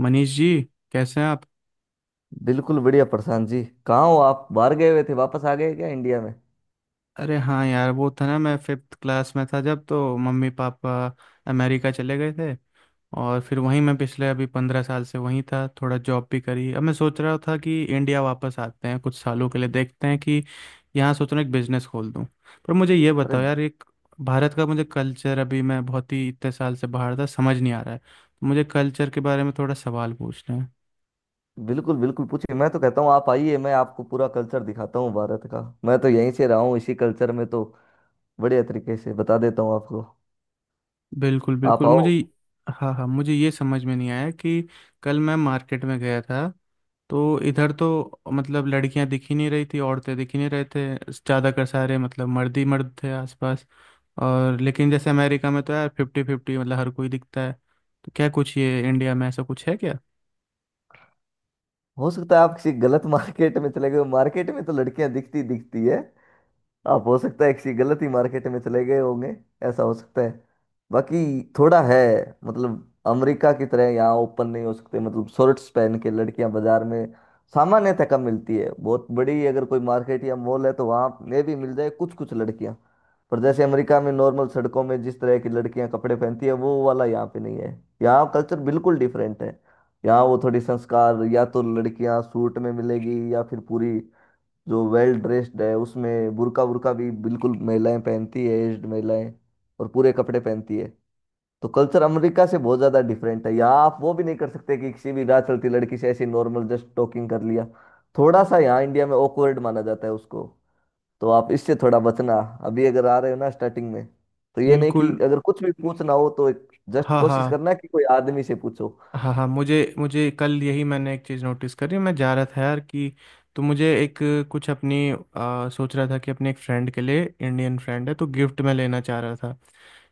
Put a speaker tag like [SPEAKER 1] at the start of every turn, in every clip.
[SPEAKER 1] मनीष जी, कैसे हैं आप।
[SPEAKER 2] बिल्कुल बढ़िया प्रशांत जी। कहाँ हो आप? बाहर गए हुए थे, वापस आ गए क्या इंडिया में?
[SPEAKER 1] अरे हाँ यार, वो था ना, मैं फिफ्थ क्लास में था जब तो मम्मी पापा अमेरिका चले गए थे। और फिर वहीं मैं पिछले अभी 15 साल से वहीं था, थोड़ा जॉब भी करी। अब मैं सोच रहा था कि इंडिया वापस आते हैं कुछ सालों के लिए, देखते हैं कि यहाँ सोच रहा हूँ एक बिजनेस खोल दूँ। पर मुझे ये
[SPEAKER 2] अरे
[SPEAKER 1] बताओ यार, एक भारत का मुझे कल्चर, अभी मैं बहुत ही इतने साल से बाहर था, समझ नहीं आ रहा है, तो मुझे कल्चर के बारे में थोड़ा सवाल पूछना है।
[SPEAKER 2] बिल्कुल बिल्कुल, पूछिए। मैं तो कहता हूँ आप आइए, मैं आपको पूरा कल्चर दिखाता हूँ भारत का। मैं तो यहीं से रहा हूँ इसी कल्चर में, तो बढ़िया तरीके से बता देता हूँ आपको।
[SPEAKER 1] बिल्कुल
[SPEAKER 2] आप
[SPEAKER 1] बिल्कुल,
[SPEAKER 2] आओ।
[SPEAKER 1] मुझे। हाँ हाँ, मुझे ये समझ में नहीं आया कि कल मैं मार्केट में गया था। तो इधर तो मतलब लड़कियां दिख ही नहीं रही थी, औरतें दिख ही नहीं रहे थे, ज़्यादातर सारे मतलब मर्द ही मर्द थे आसपास। और लेकिन जैसे अमेरिका में तो यार फिफ्टी फिफ्टी मतलब हर कोई दिखता है। तो क्या कुछ ये इंडिया में ऐसा कुछ है क्या?
[SPEAKER 2] हो सकता है आप किसी गलत मार्केट में चले गए हो। मार्केट में तो लड़कियां दिखती दिखती है। आप हो सकता है किसी गलत ही मार्केट में चले गए होंगे। ऐसा हो सकता है। बाकी थोड़ा है, मतलब अमेरिका की तरह यहाँ ओपन नहीं हो सकते। मतलब शॉर्ट्स पहन के लड़कियां बाजार में सामान्यतः कम मिलती है। बहुत बड़ी अगर कोई मार्केट या मॉल है तो वहाँ ये भी मिल जाए कुछ कुछ लड़कियां। पर जैसे अमेरिका में नॉर्मल सड़कों में जिस तरह की लड़कियां कपड़े पहनती है, वो वाला यहाँ पे नहीं है। यहाँ कल्चर बिल्कुल डिफरेंट है। यहाँ वो थोड़ी संस्कार, या तो लड़कियां सूट में मिलेगी या फिर पूरी जो वेल ड्रेस्ड है उसमें बुर्का वुर्का भी बिल्कुल महिलाएं पहनती है। एज्ड महिलाएं और पूरे कपड़े पहनती है। तो कल्चर अमेरिका से बहुत ज्यादा डिफरेंट है। यहाँ आप वो भी नहीं कर सकते कि किसी भी राह चलती लड़की से ऐसी नॉर्मल जस्ट टॉकिंग कर लिया। थोड़ा सा यहाँ इंडिया में ऑकवर्ड माना जाता है उसको। तो आप इससे थोड़ा बचना, अभी अगर आ रहे हो ना स्टार्टिंग में। तो ये नहीं कि
[SPEAKER 1] बिल्कुल।
[SPEAKER 2] अगर कुछ भी पूछना हो तो एक जस्ट
[SPEAKER 1] हाँ हाँ
[SPEAKER 2] कोशिश करना कि कोई आदमी से पूछो।
[SPEAKER 1] हाँ हाँ, मुझे मुझे कल यही मैंने एक चीज़ नोटिस करी, मैं जा रहा था यार कि, तो मुझे एक कुछ अपनी सोच रहा था कि अपने एक फ्रेंड के लिए, इंडियन फ्रेंड है, तो गिफ्ट में लेना चाह रहा था।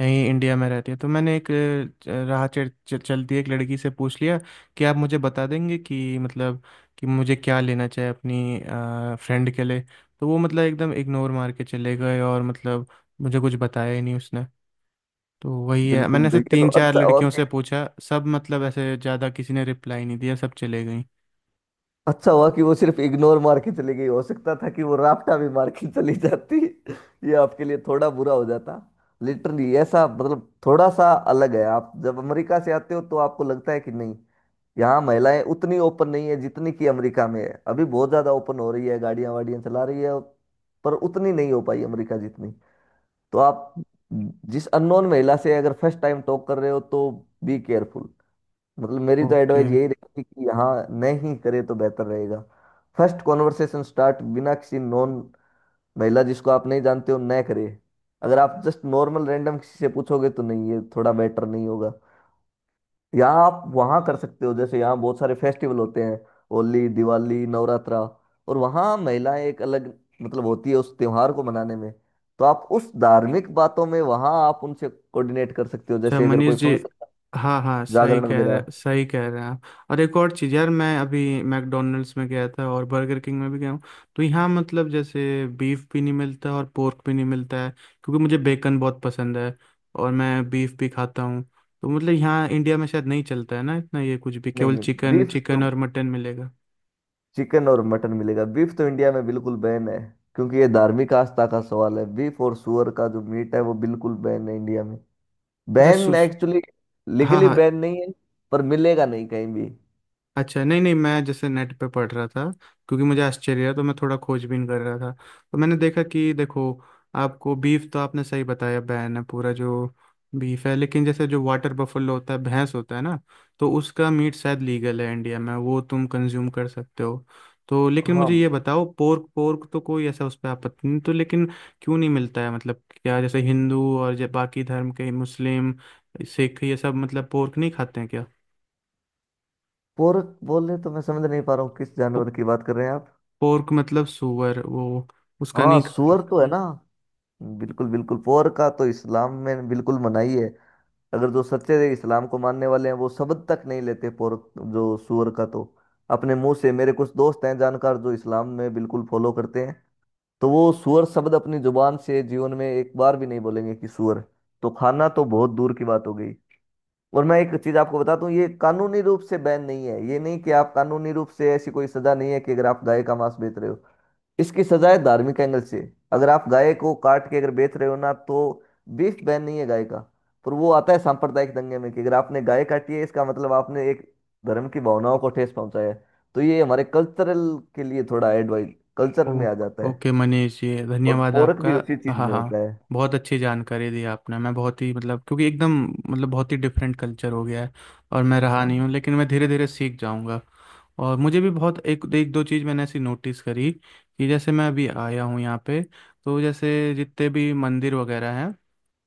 [SPEAKER 1] यहीं इंडिया में रहती है, तो मैंने एक राह चल, चल- चलती एक लड़की से पूछ लिया कि आप मुझे बता देंगे कि मतलब, कि मुझे क्या लेना चाहिए अपनी फ्रेंड के लिए। तो वो मतलब एकदम इग्नोर मार के चले गए और मतलब मुझे कुछ बताया ही नहीं उसने। तो वही है, मैंने
[SPEAKER 2] बिल्कुल,
[SPEAKER 1] ऐसे
[SPEAKER 2] ये तो
[SPEAKER 1] तीन चार
[SPEAKER 2] अच्छा
[SPEAKER 1] लड़कियों से
[SPEAKER 2] ओके।
[SPEAKER 1] पूछा, सब मतलब ऐसे ज़्यादा किसी ने रिप्लाई नहीं दिया, सब चले गई।
[SPEAKER 2] अच्छा हुआ कि वो सिर्फ इग्नोर मार के चली गई, हो सकता था कि वो राफ्टा भी मार के चली जाती ये आपके लिए थोड़ा बुरा हो जाता। लिटरली ऐसा, मतलब थोड़ा सा अलग है। आप जब अमेरिका से आते हो तो आपको लगता है कि नहीं, यहाँ महिलाएं उतनी ओपन नहीं है जितनी कि अमेरिका में है। अभी बहुत ज्यादा ओपन हो रही है, गाड़ियां वाड़ियां चला रही है, पर उतनी नहीं हो पाई अमेरिका जितनी। तो आप जिस अननोन महिला से अगर फर्स्ट टाइम टॉक कर रहे हो तो बी केयरफुल। मतलब मेरी तो
[SPEAKER 1] ओके।
[SPEAKER 2] एडवाइस यही रहेगी कि यहाँ नहीं करे तो बेहतर रहेगा। फर्स्ट कॉन्वर्सेशन स्टार्ट बिना किसी नॉन, महिला जिसको आप नहीं जानते हो न करे। अगर आप जस्ट नॉर्मल रैंडम किसी से पूछोगे तो नहीं, ये थोड़ा बेटर नहीं होगा। यहाँ आप वहाँ कर सकते हो, जैसे यहाँ बहुत सारे फेस्टिवल होते हैं, होली, दिवाली, नवरात्रा, और वहाँ महिलाएं एक अलग मतलब होती है उस त्योहार को मनाने में। तो आप उस धार्मिक बातों में वहाँ आप उनसे कोऑर्डिनेट कर सकते हो,
[SPEAKER 1] अच्छा
[SPEAKER 2] जैसे अगर
[SPEAKER 1] मनीष
[SPEAKER 2] कोई
[SPEAKER 1] जी,
[SPEAKER 2] फंक्शन,
[SPEAKER 1] हाँ हाँ,
[SPEAKER 2] जागरण वगैरह।
[SPEAKER 1] सही कह रहे हैं आप। और एक और चीज़ यार, मैं अभी मैकडोनल्ड्स में गया था और बर्गर किंग में भी गया हूँ। तो यहाँ मतलब जैसे बीफ भी नहीं मिलता और पोर्क भी नहीं मिलता है। क्योंकि मुझे बेकन बहुत पसंद है और मैं बीफ भी खाता हूँ। तो मतलब यहाँ इंडिया में शायद नहीं चलता है ना इतना, ये कुछ भी
[SPEAKER 2] नहीं
[SPEAKER 1] केवल
[SPEAKER 2] नहीं,
[SPEAKER 1] चिकन
[SPEAKER 2] बीफ तो,
[SPEAKER 1] चिकन और मटन मिलेगा।
[SPEAKER 2] चिकन और मटन मिलेगा, बीफ तो इंडिया में बिल्कुल बैन है। क्योंकि ये धार्मिक आस्था का सवाल है। बीफ और सुअर का जो मीट है वो बिल्कुल बैन है इंडिया में।
[SPEAKER 1] अच्छा
[SPEAKER 2] बैन, एक्चुअली
[SPEAKER 1] हाँ
[SPEAKER 2] लीगली
[SPEAKER 1] हाँ।
[SPEAKER 2] बैन नहीं है, पर मिलेगा नहीं कहीं भी।
[SPEAKER 1] अच्छा, नहीं नहीं, मैं जैसे नेट पे पढ़ रहा था, क्योंकि मुझे आश्चर्य है, तो मैं थोड़ा खोजबीन कर रहा था। तो मैंने देखा कि देखो, आपको बीफ, तो आपने सही बताया बैन है पूरा जो बीफ है, लेकिन जैसे जो वाटर बफलो होता है, भैंस होता है ना। तो उसका मीट शायद लीगल है इंडिया में, वो तुम कंज्यूम कर सकते हो। तो लेकिन
[SPEAKER 2] हाँ।
[SPEAKER 1] मुझे ये बताओ, पोर्क पोर्क तो कोई ऐसा उस पर आपत्ति नहीं, तो लेकिन क्यों नहीं मिलता है? मतलब क्या, जैसे हिंदू और जो बाकी धर्म के मुस्लिम, सिख, ये सब मतलब पोर्क नहीं खाते हैं क्या?
[SPEAKER 2] पोर्क बोले तो मैं समझ नहीं पा रहा हूँ किस जानवर की बात कर रहे हैं आप।
[SPEAKER 1] पोर्क मतलब सुअर, वो, उसका
[SPEAKER 2] हाँ,
[SPEAKER 1] नहीं।
[SPEAKER 2] सुअर तो है ना। बिल्कुल बिल्कुल, पोर्क का तो इस्लाम में बिल्कुल मनाही है। अगर जो सच्चे इस्लाम को मानने वाले हैं वो शब्द तक नहीं लेते, पोर्क जो सुअर का, तो अपने मुंह से, मेरे कुछ दोस्त हैं जानकार जो इस्लाम में बिल्कुल फॉलो करते हैं, तो वो सुअर शब्द अपनी जुबान से जीवन में एक बार भी नहीं बोलेंगे कि सुअर। तो खाना तो बहुत दूर की बात हो गई। और मैं एक चीज आपको बताता हूँ, ये कानूनी रूप से बैन नहीं है। ये नहीं कि आप, कानूनी रूप से ऐसी कोई सजा नहीं है कि अगर आप गाय का मांस बेच रहे हो। इसकी सजा है धार्मिक एंगल से। अगर आप गाय को काट के अगर बेच रहे हो ना, तो बीफ बैन नहीं है गाय का, पर वो आता है सांप्रदायिक दंगे में, कि अगर आपने गाय काटी है इसका मतलब आपने एक धर्म की भावनाओं को ठेस पहुंचाया है। तो ये हमारे कल्चरल के लिए थोड़ा एडवाइस, कल्चर में
[SPEAKER 1] ओ,
[SPEAKER 2] आ जाता है।
[SPEAKER 1] ओके मनीष, ये
[SPEAKER 2] और
[SPEAKER 1] धन्यवाद
[SPEAKER 2] पोरक
[SPEAKER 1] आपका।
[SPEAKER 2] भी उसी चीज
[SPEAKER 1] हाँ
[SPEAKER 2] में
[SPEAKER 1] हाँ,
[SPEAKER 2] होता है।
[SPEAKER 1] बहुत अच्छी जानकारी दी आपने, मैं बहुत ही मतलब, क्योंकि एकदम मतलब बहुत ही डिफरेंट कल्चर हो गया है। और मैं रहा
[SPEAKER 2] हाँ।
[SPEAKER 1] नहीं हूँ, लेकिन मैं धीरे धीरे सीख जाऊँगा। और मुझे भी बहुत एक एक दो चीज़ मैंने ऐसी नोटिस करी, कि जैसे मैं अभी आया हूँ यहाँ पे। तो जैसे जितने भी मंदिर वगैरह हैं,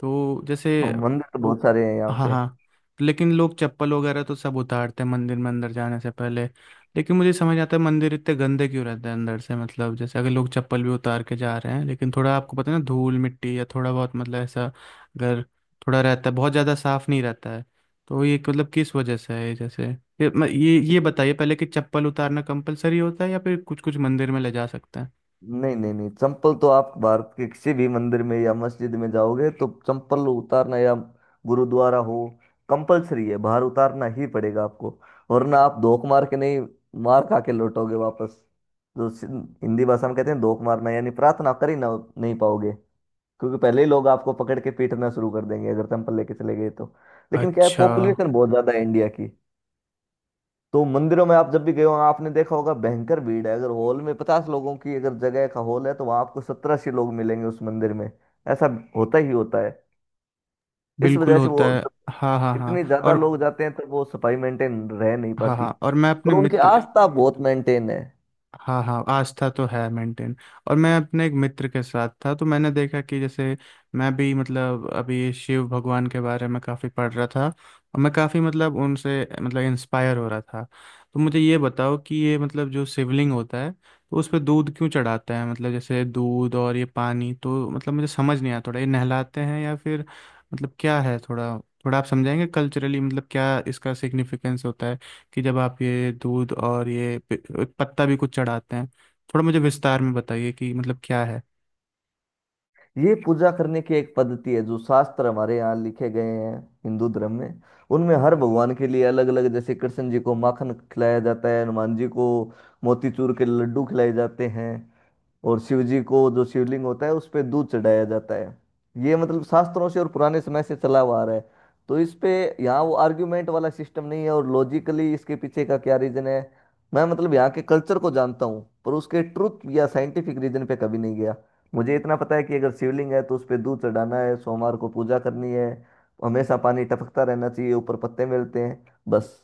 [SPEAKER 1] तो
[SPEAKER 2] हाँ,
[SPEAKER 1] जैसे,
[SPEAKER 2] मंदिर तो
[SPEAKER 1] ओ,
[SPEAKER 2] बहुत सारे हैं यहाँ
[SPEAKER 1] हाँ
[SPEAKER 2] पे।
[SPEAKER 1] हाँ। लेकिन लोग चप्पल वगैरह तो सब उतारते हैं, मंदिर में अंदर जाने से पहले। लेकिन मुझे समझ आता है, मंदिर इतने गंदे क्यों रहते हैं अंदर से? मतलब जैसे अगर लोग चप्पल भी उतार के जा रहे हैं, लेकिन थोड़ा, आपको पता है ना, धूल मिट्टी या थोड़ा बहुत मतलब, ऐसा अगर थोड़ा रहता है, बहुत ज़्यादा साफ नहीं रहता है। तो ये मतलब किस वजह से है, ये जैसे ये बताइए पहले, कि चप्पल उतारना कंपलसरी होता है या फिर कुछ कुछ मंदिर में ले जा सकते हैं?
[SPEAKER 2] नहीं नहीं नहीं, चंपल तो आप भारत के किसी भी मंदिर में या मस्जिद में जाओगे तो चंपल उतारना, या गुरुद्वारा हो, कंपलसरी है, बाहर उतारना ही पड़ेगा आपको। वरना आप धोख मार के नहीं, मार खा के लौटोगे वापस। जो सिं- हिंदी भाषा में कहते हैं धोख मारना, यानी प्रार्थना कर ही ना नहीं पाओगे। क्योंकि पहले ही लोग आपको पकड़ के पीटना शुरू कर देंगे अगर चंपल लेके चले गए तो। लेकिन क्या है,
[SPEAKER 1] अच्छा,
[SPEAKER 2] पॉपुलेशन बहुत ज्यादा है इंडिया की। तो मंदिरों में आप जब भी गए हो आपने देखा होगा भयंकर भीड़ है। अगर हॉल में 50 लोगों की अगर जगह का हॉल है तो वहां आपको 17-80 लोग मिलेंगे उस मंदिर में। ऐसा होता ही होता है। इस
[SPEAKER 1] बिल्कुल
[SPEAKER 2] वजह से
[SPEAKER 1] होता
[SPEAKER 2] वो
[SPEAKER 1] है।
[SPEAKER 2] जब
[SPEAKER 1] हाँ हाँ हाँ,
[SPEAKER 2] इतने ज्यादा
[SPEAKER 1] और
[SPEAKER 2] लोग जाते हैं तो वो सफाई मेंटेन रह नहीं
[SPEAKER 1] हाँ
[SPEAKER 2] पाती।
[SPEAKER 1] हाँ, और मैं
[SPEAKER 2] और
[SPEAKER 1] अपने
[SPEAKER 2] उनकी
[SPEAKER 1] मित्र।
[SPEAKER 2] आस्था बहुत मेंटेन है।
[SPEAKER 1] हाँ हाँ, आस्था तो है मेंटेन। और मैं अपने एक मित्र के साथ था, तो मैंने देखा कि जैसे मैं भी मतलब अभी शिव भगवान के बारे में काफ़ी पढ़ रहा था और मैं काफ़ी मतलब उनसे मतलब इंस्पायर हो रहा था। तो मुझे ये बताओ कि ये मतलब जो शिवलिंग होता है, तो उस पर दूध क्यों चढ़ाते हैं? मतलब जैसे दूध और ये पानी तो मतलब मुझे समझ नहीं आया थोड़ा, ये नहलाते हैं या फिर, मतलब क्या है थोड़ा? थोड़ा आप समझाएंगे कल्चरली, मतलब क्या इसका सिग्निफिकेंस होता है, कि जब आप ये दूध और ये पत्ता भी कुछ चढ़ाते हैं। थोड़ा मुझे विस्तार में बताइए कि मतलब क्या है।
[SPEAKER 2] ये पूजा करने की एक पद्धति है जो शास्त्र हमारे यहाँ लिखे गए हैं हिंदू धर्म में। उनमें हर भगवान के लिए अलग अलग, जैसे कृष्ण जी को माखन खिलाया जाता है, हनुमान जी को मोतीचूर के लड्डू खिलाए जाते हैं, और शिव जी को जो शिवलिंग होता है उस पे दूध चढ़ाया जाता है। ये मतलब शास्त्रों से और पुराने समय से चला हुआ आ रहा है। तो इस पे, यहाँ वो आर्ग्यूमेंट वाला सिस्टम नहीं है और लॉजिकली इसके पीछे का क्या रीजन है, मैं मतलब यहाँ के कल्चर को जानता हूँ पर उसके ट्रुथ या साइंटिफिक रीजन पे कभी नहीं गया। मुझे इतना पता है कि अगर शिवलिंग है तो उस पे दूध चढ़ाना है, सोमवार को पूजा करनी है, हमेशा पानी टपकता रहना चाहिए ऊपर, पत्ते मिलते हैं, बस।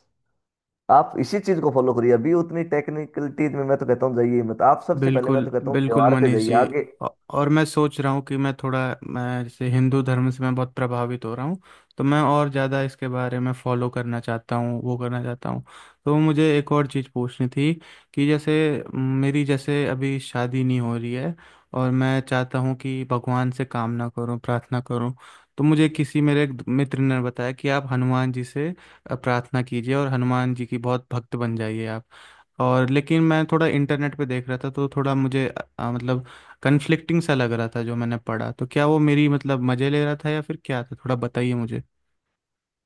[SPEAKER 2] आप इसी चीज को फॉलो करिए। अभी उतनी टेक्निकलिटीज में मैं तो कहता हूँ जाइए मत आप, सबसे पहले मैं तो
[SPEAKER 1] बिल्कुल
[SPEAKER 2] कहता हूँ
[SPEAKER 1] बिल्कुल
[SPEAKER 2] त्योहार पे
[SPEAKER 1] मनीष
[SPEAKER 2] जाइए
[SPEAKER 1] जी,
[SPEAKER 2] आगे।
[SPEAKER 1] औ- और मैं सोच रहा हूँ कि मैं थोड़ा, मैं जैसे हिंदू धर्म से मैं बहुत प्रभावित हो रहा हूँ। तो मैं और ज़्यादा इसके बारे में फॉलो करना चाहता हूँ, वो करना चाहता हूँ। तो मुझे एक और चीज़ पूछनी थी, कि जैसे मेरी जैसे अभी शादी नहीं हो रही है। और मैं चाहता हूँ कि भगवान से कामना करूँ, प्रार्थना करूँ। तो मुझे किसी मेरे एक मित्र ने बताया कि आप हनुमान जी से प्रार्थना कीजिए और हनुमान जी की बहुत भक्त बन जाइए आप। और लेकिन मैं थोड़ा इंटरनेट पे देख रहा था, तो थोड़ा मुझे मतलब कन्फ्लिक्टिंग सा लग रहा था जो मैंने पढ़ा, तो क्या वो मेरी मतलब मज़े ले रहा था या फिर क्या था, थोड़ा बताइए मुझे।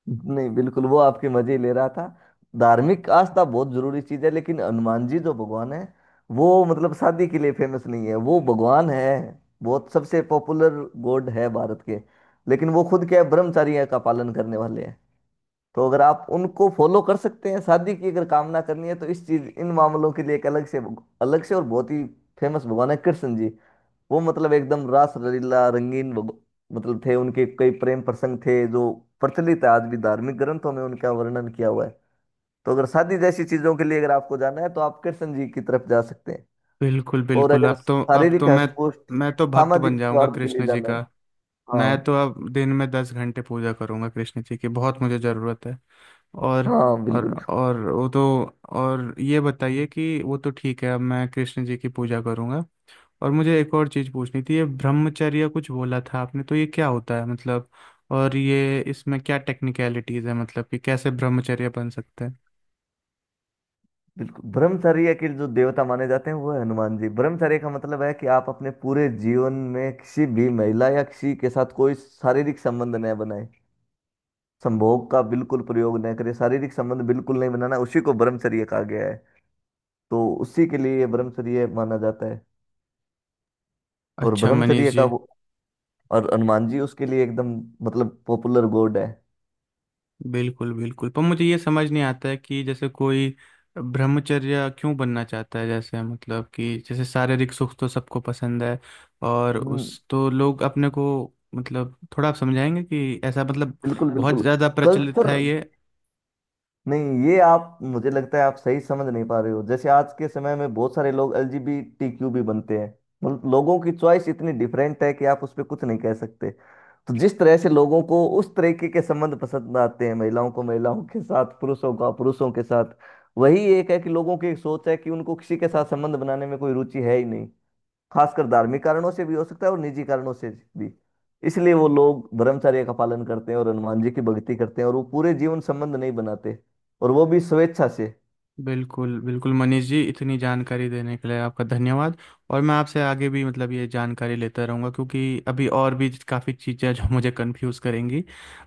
[SPEAKER 2] नहीं, बिल्कुल वो आपके मजे ले रहा था। धार्मिक आस्था बहुत जरूरी चीज है, लेकिन हनुमान जी जो भगवान है वो मतलब शादी के लिए फेमस नहीं है। वो भगवान है बहुत, सबसे पॉपुलर गॉड है भारत के, लेकिन वो खुद क्या है, ब्रह्मचारी का पालन करने वाले हैं। तो अगर आप उनको फॉलो कर सकते हैं शादी की अगर कामना करनी है तो, इस चीज इन मामलों के लिए एक अलग से, और बहुत ही फेमस भगवान है कृष्ण जी। वो मतलब एकदम रास लीला, रंगीन मतलब थे, उनके कई प्रेम प्रसंग थे जो प्रचलित है आज भी, धार्मिक ग्रंथों में उनका वर्णन किया हुआ है। तो अगर शादी जैसी चीजों के लिए अगर आपको जाना है तो आप कृष्ण जी की तरफ जा सकते हैं।
[SPEAKER 1] बिल्कुल
[SPEAKER 2] और
[SPEAKER 1] बिल्कुल,
[SPEAKER 2] अगर
[SPEAKER 1] अब तो अब
[SPEAKER 2] शारीरिक
[SPEAKER 1] तो
[SPEAKER 2] मतलब हष्टपुष्ट
[SPEAKER 1] मैं तो भक्त बन
[SPEAKER 2] सामाजिक
[SPEAKER 1] जाऊंगा
[SPEAKER 2] स्वार्थ के लिए
[SPEAKER 1] कृष्ण जी
[SPEAKER 2] जाना है।
[SPEAKER 1] का। मैं
[SPEAKER 2] हाँ।
[SPEAKER 1] तो अब दिन में 10 घंटे पूजा करूंगा कृष्ण जी की, बहुत मुझे ज़रूरत है। और
[SPEAKER 2] हाँ
[SPEAKER 1] और
[SPEAKER 2] बिल्कुल।
[SPEAKER 1] और वो तो, और ये बताइए कि वो तो ठीक है, अब मैं कृष्ण जी की पूजा करूंगा। और मुझे एक और चीज़ पूछनी थी, ये ब्रह्मचर्य कुछ बोला था आपने, तो ये क्या होता है मतलब? और ये इसमें क्या टेक्निकलिटीज़ है, मतलब कि कैसे ब्रह्मचर्य बन सकते हैं?
[SPEAKER 2] बिल्कुल ब्रह्मचर्य के जो देवता माने जाते हैं वो है हनुमान जी। ब्रह्मचर्य का मतलब है कि आप अपने पूरे जीवन में किसी भी महिला या किसी के साथ कोई शारीरिक संबंध न बनाए, संभोग का बिल्कुल प्रयोग न करें, शारीरिक संबंध बिल्कुल नहीं बनाना, उसी को ब्रह्मचर्य कहा गया है। तो उसी के लिए ये ब्रह्मचर्य माना जाता है। और
[SPEAKER 1] अच्छा मनीष
[SPEAKER 2] ब्रह्मचर्य का
[SPEAKER 1] जी,
[SPEAKER 2] वो, और हनुमान जी उसके लिए एकदम मतलब पॉपुलर गॉड है।
[SPEAKER 1] बिल्कुल बिल्कुल, पर मुझे ये समझ नहीं आता है कि जैसे कोई ब्रह्मचर्य क्यों बनना चाहता है? जैसे मतलब, कि जैसे शारीरिक सुख तो सबको पसंद है, और
[SPEAKER 2] हम्म।
[SPEAKER 1] उस तो लोग अपने को, मतलब थोड़ा आप समझाएंगे कि ऐसा मतलब
[SPEAKER 2] बिल्कुल
[SPEAKER 1] बहुत
[SPEAKER 2] बिल्कुल,
[SPEAKER 1] ज़्यादा
[SPEAKER 2] अच्छा
[SPEAKER 1] प्रचलित
[SPEAKER 2] कल्चर।
[SPEAKER 1] है ये?
[SPEAKER 2] नहीं, ये आप, मुझे लगता है आप सही समझ नहीं पा रहे हो। जैसे आज के समय में बहुत सारे लोग एलजीबीटीक्यू भी बनते हैं। मतलब लोगों की चॉइस इतनी डिफरेंट है कि आप उस पर कुछ नहीं कह सकते। तो जिस तरह से लोगों को उस तरीके के संबंध पसंद आते हैं, महिलाओं को महिलाओं के साथ, पुरुषों का पुरुषों के साथ, वही एक है कि लोगों की एक सोच है कि उनको किसी के साथ संबंध बनाने में कोई रुचि है ही नहीं। खासकर धार्मिक कारणों से भी हो सकता है और निजी कारणों से भी। इसलिए वो लोग ब्रह्मचर्य का पालन करते हैं और हनुमान जी की भक्ति करते हैं और वो पूरे जीवन संबंध नहीं बनाते, और वो भी स्वेच्छा से।
[SPEAKER 1] बिल्कुल बिल्कुल मनीष जी, इतनी जानकारी देने के लिए आपका धन्यवाद। और मैं आपसे आगे भी मतलब ये जानकारी लेता रहूँगा, क्योंकि अभी और भी काफ़ी चीज़ें जो मुझे कंफ्यूज करेंगी।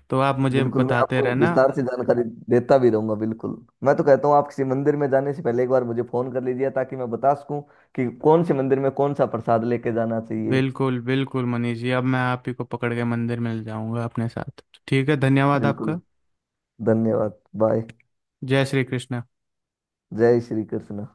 [SPEAKER 1] तो आप मुझे
[SPEAKER 2] बिल्कुल, मैं
[SPEAKER 1] बताते
[SPEAKER 2] आपको
[SPEAKER 1] रहना।
[SPEAKER 2] विस्तार से जानकारी देता भी रहूंगा, बिल्कुल। मैं तो कहता हूँ आप किसी मंदिर में जाने से पहले एक बार मुझे फोन कर लीजिए, ताकि मैं बता सकूं कि कौन से मंदिर में कौन सा प्रसाद लेके जाना चाहिए।
[SPEAKER 1] बिल्कुल बिल्कुल मनीष जी, अब मैं आप ही को पकड़ के मंदिर में ले जाऊँगा अपने साथ। ठीक है, धन्यवाद
[SPEAKER 2] बिल्कुल।
[SPEAKER 1] आपका।
[SPEAKER 2] धन्यवाद, बाय।
[SPEAKER 1] जय श्री कृष्ण।
[SPEAKER 2] जय श्री कृष्ण।